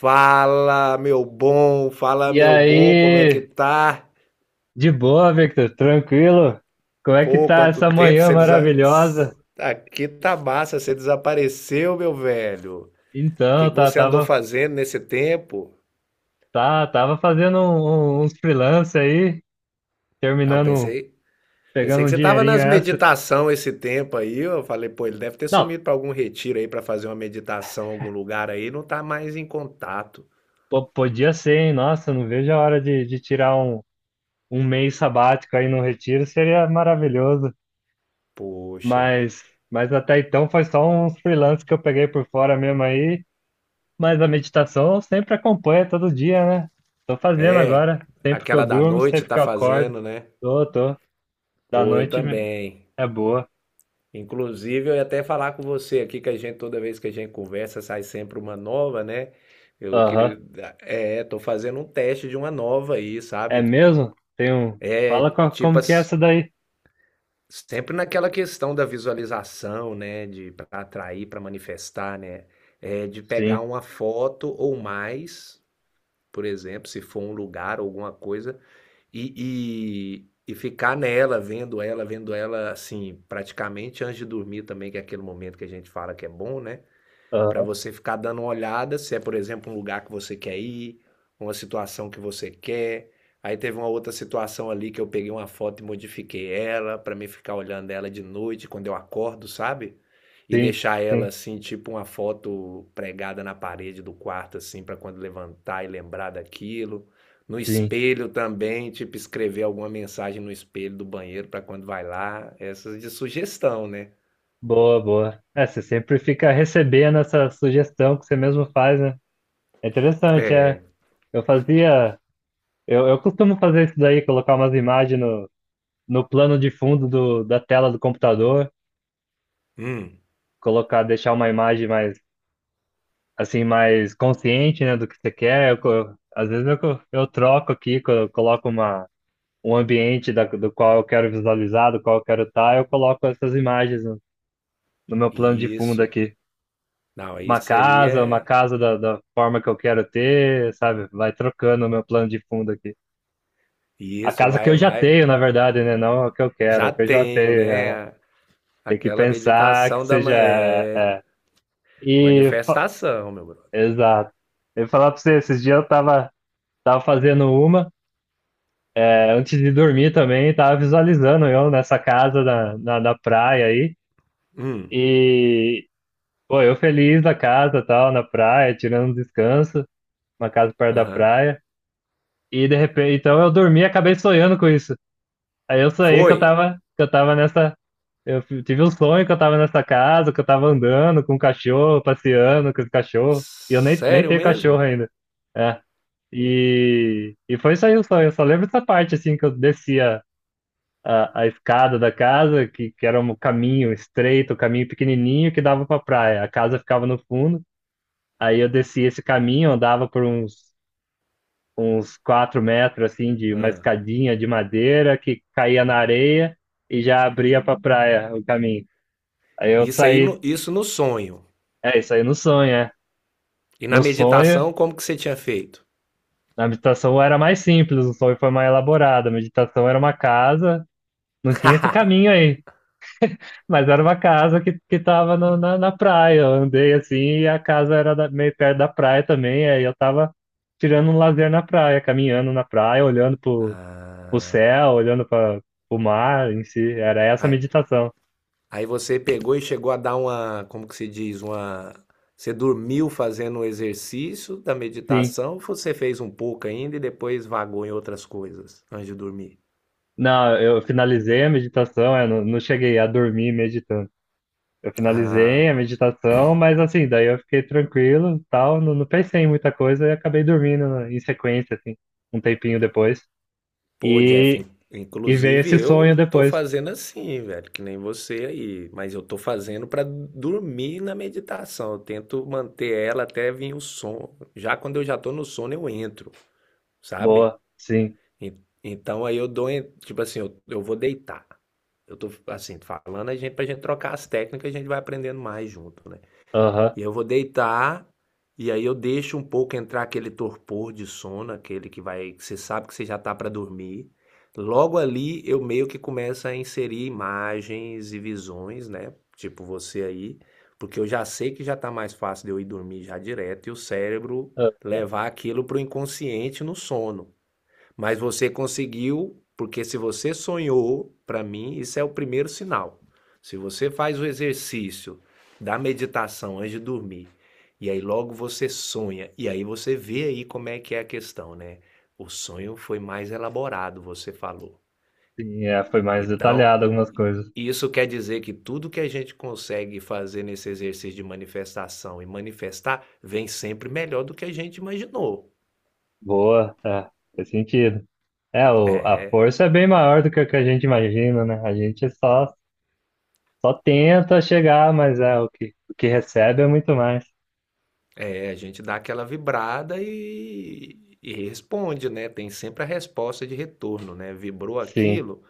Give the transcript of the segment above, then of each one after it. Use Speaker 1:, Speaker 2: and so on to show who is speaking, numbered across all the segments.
Speaker 1: Fala,
Speaker 2: E
Speaker 1: meu bom, como é que
Speaker 2: aí,
Speaker 1: tá?
Speaker 2: de boa, Victor? Tranquilo? Como é que
Speaker 1: Pô,
Speaker 2: tá
Speaker 1: quanto
Speaker 2: essa
Speaker 1: tempo
Speaker 2: manhã
Speaker 1: você
Speaker 2: maravilhosa?
Speaker 1: aqui tá massa, você desapareceu, meu velho. O que
Speaker 2: Então,
Speaker 1: que
Speaker 2: tá,
Speaker 1: você andou
Speaker 2: tava,
Speaker 1: fazendo nesse tempo?
Speaker 2: tá, tava fazendo uns freelance aí,
Speaker 1: Ah, eu
Speaker 2: terminando,
Speaker 1: pensei
Speaker 2: pegando
Speaker 1: que
Speaker 2: um
Speaker 1: você tava
Speaker 2: dinheirinho
Speaker 1: nas
Speaker 2: extra.
Speaker 1: meditação esse tempo aí. Eu falei, pô, ele deve ter
Speaker 2: Não,
Speaker 1: sumido para algum retiro aí para fazer uma meditação em algum lugar aí, não tá mais em contato.
Speaker 2: podia ser, hein? Nossa, não vejo a hora de tirar um mês sabático aí no retiro, seria maravilhoso.
Speaker 1: Poxa.
Speaker 2: Mas, mas até então foi só uns freelance que eu peguei por fora mesmo aí. Mas a meditação eu sempre acompanha todo dia, né? Tô fazendo
Speaker 1: É,
Speaker 2: agora, sempre que eu
Speaker 1: aquela da
Speaker 2: durmo,
Speaker 1: noite
Speaker 2: sempre que
Speaker 1: tá
Speaker 2: eu acordo.
Speaker 1: fazendo, né?
Speaker 2: Tô, tô. Da
Speaker 1: Pô, eu
Speaker 2: noite me-
Speaker 1: também.
Speaker 2: É boa.
Speaker 1: Inclusive, eu ia até falar com você aqui que a gente, toda vez que a gente conversa, sai sempre uma nova, né? Eu
Speaker 2: Aham.
Speaker 1: queria. Tô fazendo um teste de uma nova aí,
Speaker 2: É
Speaker 1: sabe?
Speaker 2: mesmo? Tem um.
Speaker 1: É.
Speaker 2: Fala
Speaker 1: Tipo,
Speaker 2: como que é
Speaker 1: as-
Speaker 2: essa daí?
Speaker 1: Sempre naquela questão da visualização, né? De para atrair, para manifestar, né? É, de pegar
Speaker 2: Sim.
Speaker 1: uma foto ou mais, por exemplo, se for um lugar, alguma coisa, e ficar nela, vendo ela, assim, praticamente antes de dormir também, que é aquele momento que a gente fala que é bom, né? Para
Speaker 2: Aham.
Speaker 1: você ficar dando uma olhada se é, por exemplo, um lugar que você quer ir, uma situação que você quer. Aí teve uma outra situação ali que eu peguei uma foto e modifiquei ela para mim ficar olhando ela de noite quando eu acordo, sabe? E
Speaker 2: Sim,
Speaker 1: deixar ela
Speaker 2: sim,
Speaker 1: assim, tipo uma foto pregada na parede do quarto assim para quando levantar e lembrar daquilo. No
Speaker 2: sim.
Speaker 1: espelho também, tipo escrever alguma mensagem no espelho do banheiro para quando vai lá, essas de sugestão, né?
Speaker 2: Boa, boa. É, você sempre fica recebendo essa sugestão que você mesmo faz, né? É interessante, é.
Speaker 1: É.
Speaker 2: Eu fazia. Eu costumo fazer isso daí, colocar umas imagens no plano de fundo da tela do computador.
Speaker 1: Hum,
Speaker 2: Colocar, deixar uma imagem mais assim, mais consciente, né, do que você quer. Às vezes eu troco aqui, eu coloco um ambiente do qual eu quero visualizar, do qual eu quero estar, eu coloco essas imagens no meu plano de fundo
Speaker 1: isso.
Speaker 2: aqui.
Speaker 1: Não, isso aí
Speaker 2: Uma
Speaker 1: é.
Speaker 2: casa da forma que eu quero ter, sabe? Vai trocando o meu plano de fundo aqui. A
Speaker 1: Isso,
Speaker 2: casa que
Speaker 1: vai,
Speaker 2: eu já
Speaker 1: vai.
Speaker 2: tenho, na verdade, né? Não a que eu quero, a
Speaker 1: Já
Speaker 2: que eu já
Speaker 1: tenho,
Speaker 2: tenho. É.
Speaker 1: né?
Speaker 2: Tem que
Speaker 1: Aquela
Speaker 2: pensar que
Speaker 1: meditação
Speaker 2: seja.
Speaker 1: é...
Speaker 2: E. fa-
Speaker 1: Manifestação, meu brother.
Speaker 2: Exato. Eu ia falar pra você, esses dias eu tava. Tava fazendo uma, é, antes de dormir também, tava visualizando eu nessa casa na praia aí.
Speaker 1: Hum,
Speaker 2: E, pô, eu feliz na casa, tal, na praia, tirando um descanso, uma casa perto da
Speaker 1: aham.
Speaker 2: praia. E de repente, então eu dormi e acabei sonhando com isso. Aí eu sonhei
Speaker 1: Foi?
Speaker 2: que eu tava nessa. Tive um sonho que eu tava nessa casa, que eu tava andando com um cachorro, passeando com o cachorro. E eu nem
Speaker 1: Sério
Speaker 2: tenho cachorro
Speaker 1: mesmo?
Speaker 2: ainda. É. E foi isso aí o sonho. Eu só lembro dessa parte, assim, que eu descia a escada da casa, que era um caminho estreito, um caminho pequenininho que dava para praia. A casa ficava no fundo. Aí eu descia esse caminho, andava uns 4 metros, assim, de uma
Speaker 1: Ah.
Speaker 2: escadinha de madeira que caía na areia e já abria para praia o caminho. Aí eu
Speaker 1: Isso aí,
Speaker 2: saí,
Speaker 1: no, isso no sonho.
Speaker 2: é isso aí no sonho, é.
Speaker 1: E na
Speaker 2: No sonho,
Speaker 1: meditação, como que você tinha feito?
Speaker 2: na meditação era mais simples, o sonho foi mais elaborado. A meditação era uma casa, não tinha esse caminho aí. Mas era uma casa que tava na praia. Eu andei assim e a casa era meio perto da praia também. Aí eu tava tirando um lazer na praia, caminhando na praia, olhando pro
Speaker 1: Ah,
Speaker 2: céu, olhando para o mar em si. Era essa a meditação.
Speaker 1: aí você pegou e chegou a dar uma, como que se diz, uma. Você dormiu fazendo o exercício da
Speaker 2: Sim.
Speaker 1: meditação, você fez um pouco ainda e depois vagou em outras coisas antes de dormir.
Speaker 2: Não, eu finalizei a meditação, eu não, não cheguei a dormir meditando. Eu
Speaker 1: Ah,
Speaker 2: finalizei a meditação, mas assim, daí eu fiquei tranquilo, e tal, não pensei em muita coisa e acabei dormindo em sequência, assim, um tempinho depois.
Speaker 1: pô, Jeff,
Speaker 2: E, E veio
Speaker 1: inclusive
Speaker 2: esse
Speaker 1: eu
Speaker 2: sonho
Speaker 1: tô
Speaker 2: depois.
Speaker 1: fazendo assim, velho, que nem você aí, mas eu tô fazendo pra dormir na meditação. Eu tento manter ela até vir o sono. Já quando eu já tô no sono, eu entro, sabe?
Speaker 2: Boa, sim.
Speaker 1: En- Então aí eu dou, tipo assim, eu vou deitar. Eu tô assim, falando a gente pra gente trocar as técnicas, a gente vai aprendendo mais junto, né?
Speaker 2: Aham.
Speaker 1: E eu vou deitar e aí eu deixo um pouco entrar aquele torpor de sono, aquele que vai, que você sabe que você já tá pra dormir. Logo ali eu meio que começo a inserir imagens e visões, né? Tipo você aí, porque eu já sei que já tá mais fácil de eu ir dormir já direto e o cérebro
Speaker 2: Ah,
Speaker 1: levar aquilo pro inconsciente no sono. Mas você conseguiu, porque se você sonhou, para mim, isso é o primeiro sinal. Se você faz o exercício da meditação antes de dormir, e aí logo você sonha, e aí você vê aí como é que é a questão, né? O sonho foi mais elaborado, você falou.
Speaker 2: sim, é, foi mais
Speaker 1: Então,
Speaker 2: detalhado algumas coisas.
Speaker 1: isso quer dizer que tudo que a gente consegue fazer nesse exercício de manifestação e manifestar vem sempre melhor do que a gente imaginou.
Speaker 2: Boa, é, faz sentido. É, o, a
Speaker 1: É.
Speaker 2: força é bem maior do que o que a gente imagina, né? A gente só, só tenta chegar, mas é o que recebe é muito mais.
Speaker 1: É, a gente dá aquela vibrada e responde, né? Tem sempre a resposta de retorno, né? Vibrou
Speaker 2: Sim,
Speaker 1: aquilo,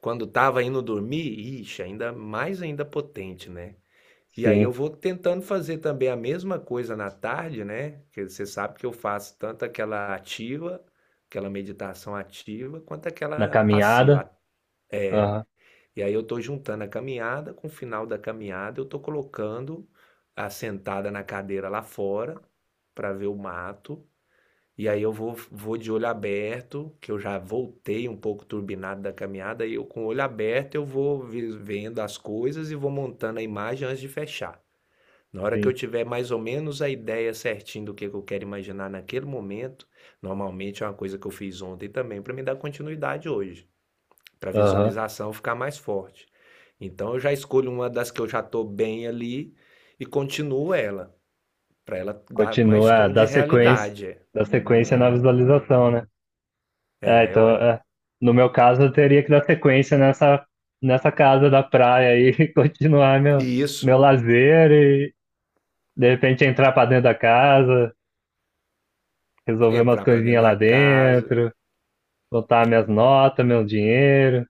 Speaker 1: quando estava indo dormir, ixi, ainda mais ainda potente, né? E aí eu
Speaker 2: sim.
Speaker 1: vou tentando fazer também a mesma coisa na tarde, né? Porque você sabe que eu faço tanto aquela ativa, aquela meditação ativa, quanto
Speaker 2: Na
Speaker 1: aquela
Speaker 2: caminhada,
Speaker 1: passiva.
Speaker 2: aham,
Speaker 1: E aí eu estou juntando a caminhada com o final da caminhada, eu estou colocando a sentada na cadeira lá fora para ver o mato. E aí vou de olho aberto, que eu já voltei um pouco turbinado da caminhada, e eu com o olho aberto eu vou vendo as coisas e vou montando a imagem antes de fechar. Na hora que eu
Speaker 2: sim,
Speaker 1: tiver mais ou menos a ideia certinha do que eu quero imaginar naquele momento, normalmente é uma coisa que eu fiz ontem também para me dar continuidade hoje, para a
Speaker 2: aham.
Speaker 1: visualização ficar mais forte. Então eu já escolho uma das que eu já estou bem ali e continuo ela, para ela dar mais
Speaker 2: Continua, é,
Speaker 1: tom de realidade.
Speaker 2: dá sequência na visualização, né? É, então,
Speaker 1: Ué.
Speaker 2: é, no meu caso, eu teria que dar sequência nessa casa da praia aí, e continuar
Speaker 1: E
Speaker 2: meu
Speaker 1: isso
Speaker 2: lazer e, de repente, entrar para dentro da casa, resolver umas
Speaker 1: entrar para dentro
Speaker 2: coisinhas lá
Speaker 1: da casa.
Speaker 2: dentro, botar minhas notas, meu dinheiro.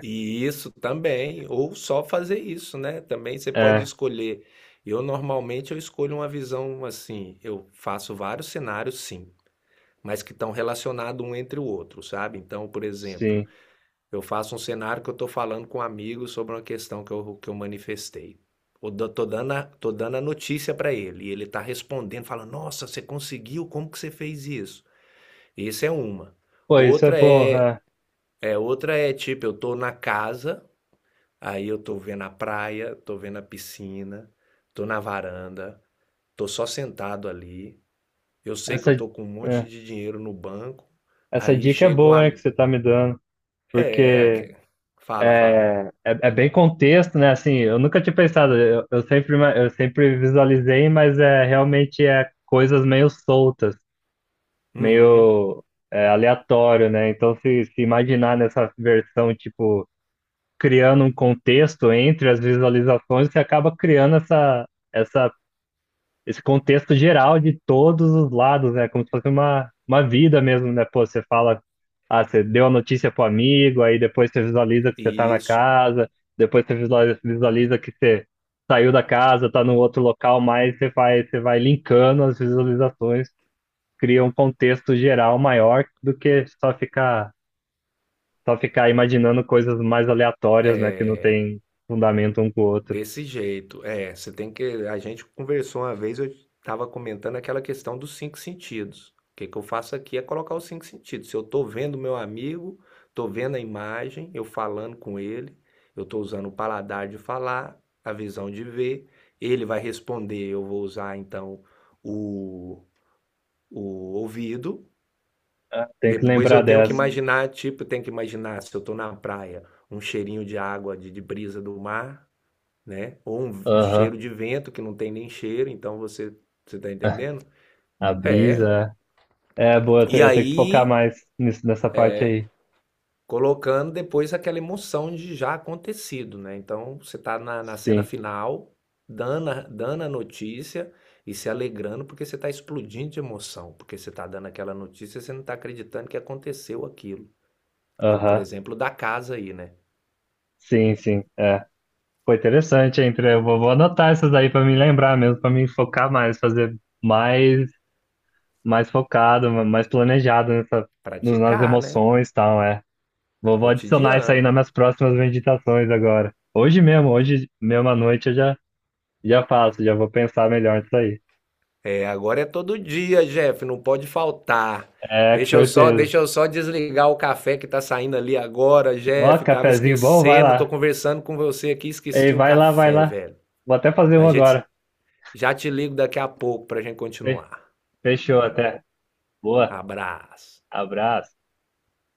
Speaker 1: E isso também, ou só fazer isso, né? Também você pode
Speaker 2: É,
Speaker 1: escolher. Eu normalmente eu escolho uma visão assim, eu faço vários cenários sim, mas que estão relacionados um entre o outro, sabe? Então, por exemplo,
Speaker 2: sim.
Speaker 1: eu faço um cenário que eu estou falando com um amigo sobre uma questão que eu manifestei. Tô tô dando a notícia para ele e ele está respondendo, falando: Nossa, você conseguiu? Como que você fez isso? Isso é uma.
Speaker 2: Pô, isso é
Speaker 1: Outra
Speaker 2: bom.
Speaker 1: é.
Speaker 2: É.
Speaker 1: É, outra é tipo, eu tô na casa, aí eu tô vendo a praia, tô vendo a piscina, tô na varanda, tô só sentado ali. Eu sei que eu
Speaker 2: Essa,
Speaker 1: tô com um monte
Speaker 2: é,
Speaker 1: de dinheiro no banco,
Speaker 2: essa
Speaker 1: aí
Speaker 2: dica é
Speaker 1: chega um.
Speaker 2: boa, hein, que você tá me dando.
Speaker 1: É,
Speaker 2: Porque
Speaker 1: fala, fala.
Speaker 2: é, é bem contexto, né? Assim, eu nunca tinha pensado, eu sempre, eu sempre visualizei, mas é realmente é coisas meio soltas.
Speaker 1: Uhum,
Speaker 2: Meio é, aleatório, né? Então, se imaginar nessa versão, tipo, criando um contexto entre as visualizações, você acaba criando essa, esse contexto geral de todos os lados, né? Como se fosse uma vida mesmo, né? Pô, você fala, ah, você deu a notícia pro amigo, aí depois você visualiza que você tá na
Speaker 1: isso.
Speaker 2: casa, depois você visualiza, visualiza que você saiu da casa, tá no outro local, mas você vai linkando as visualizações cria um contexto geral maior do que só ficar imaginando coisas mais aleatórias, né, que não tem fundamento um com o outro.
Speaker 1: Desse jeito. É, você tem que. A gente conversou uma vez, eu estava comentando aquela questão dos cinco sentidos. O que que eu faço aqui é colocar os cinco sentidos. Se eu estou vendo meu amigo, estou vendo a imagem, eu falando com ele, eu estou usando o paladar de falar, a visão de ver, ele vai responder, eu vou usar então o, o ouvido.
Speaker 2: Ah, tem que
Speaker 1: Depois eu
Speaker 2: lembrar
Speaker 1: tenho que
Speaker 2: dessa.
Speaker 1: imaginar, tipo, eu tenho que imaginar se eu estou na praia, um cheirinho de água, de brisa do mar, né? Ou um
Speaker 2: Aham.
Speaker 1: cheiro de vento que não tem nem cheiro, então você você tá entendendo?
Speaker 2: A
Speaker 1: É.
Speaker 2: brisa. É, boa,
Speaker 1: E
Speaker 2: eu tenho que focar
Speaker 1: aí
Speaker 2: mais nisso, nessa parte aí.
Speaker 1: colocando depois aquela emoção de já acontecido, né? Então você tá na cena
Speaker 2: Sim.
Speaker 1: final, dando a notícia e se alegrando porque você tá explodindo de emoção, porque você tá dando aquela notícia, e você não tá acreditando que aconteceu aquilo. Como por
Speaker 2: Aham.
Speaker 1: exemplo da casa aí, né?
Speaker 2: Sim, sim. É. Foi interessante, hein? Pre? Eu vou, vou anotar essas aí pra me lembrar mesmo, pra me focar mais, fazer mais, mais focado, mais planejado nessa, nas
Speaker 1: Praticar, né?
Speaker 2: emoções e tal, é. Vou, vou adicionar isso aí nas
Speaker 1: Cotidiano.
Speaker 2: minhas próximas meditações agora. Hoje mesmo à noite eu já, já faço, já vou pensar melhor nisso aí.
Speaker 1: É, agora é todo dia, Jeff, não pode faltar.
Speaker 2: É, com certeza.
Speaker 1: Deixa eu só desligar o café que tá saindo ali agora,
Speaker 2: Ó,
Speaker 1: Jeff. Tava
Speaker 2: cafezinho bom, vai
Speaker 1: esquecendo, tô
Speaker 2: lá.
Speaker 1: conversando com você aqui,
Speaker 2: Ei,
Speaker 1: esqueci o
Speaker 2: vai lá, vai
Speaker 1: café,
Speaker 2: lá.
Speaker 1: velho.
Speaker 2: Vou até fazer um
Speaker 1: A gente
Speaker 2: agora.
Speaker 1: já te ligo daqui a pouco pra gente
Speaker 2: Fe-
Speaker 1: continuar.
Speaker 2: Fechou até. Boa,
Speaker 1: Abraço.
Speaker 2: abraço.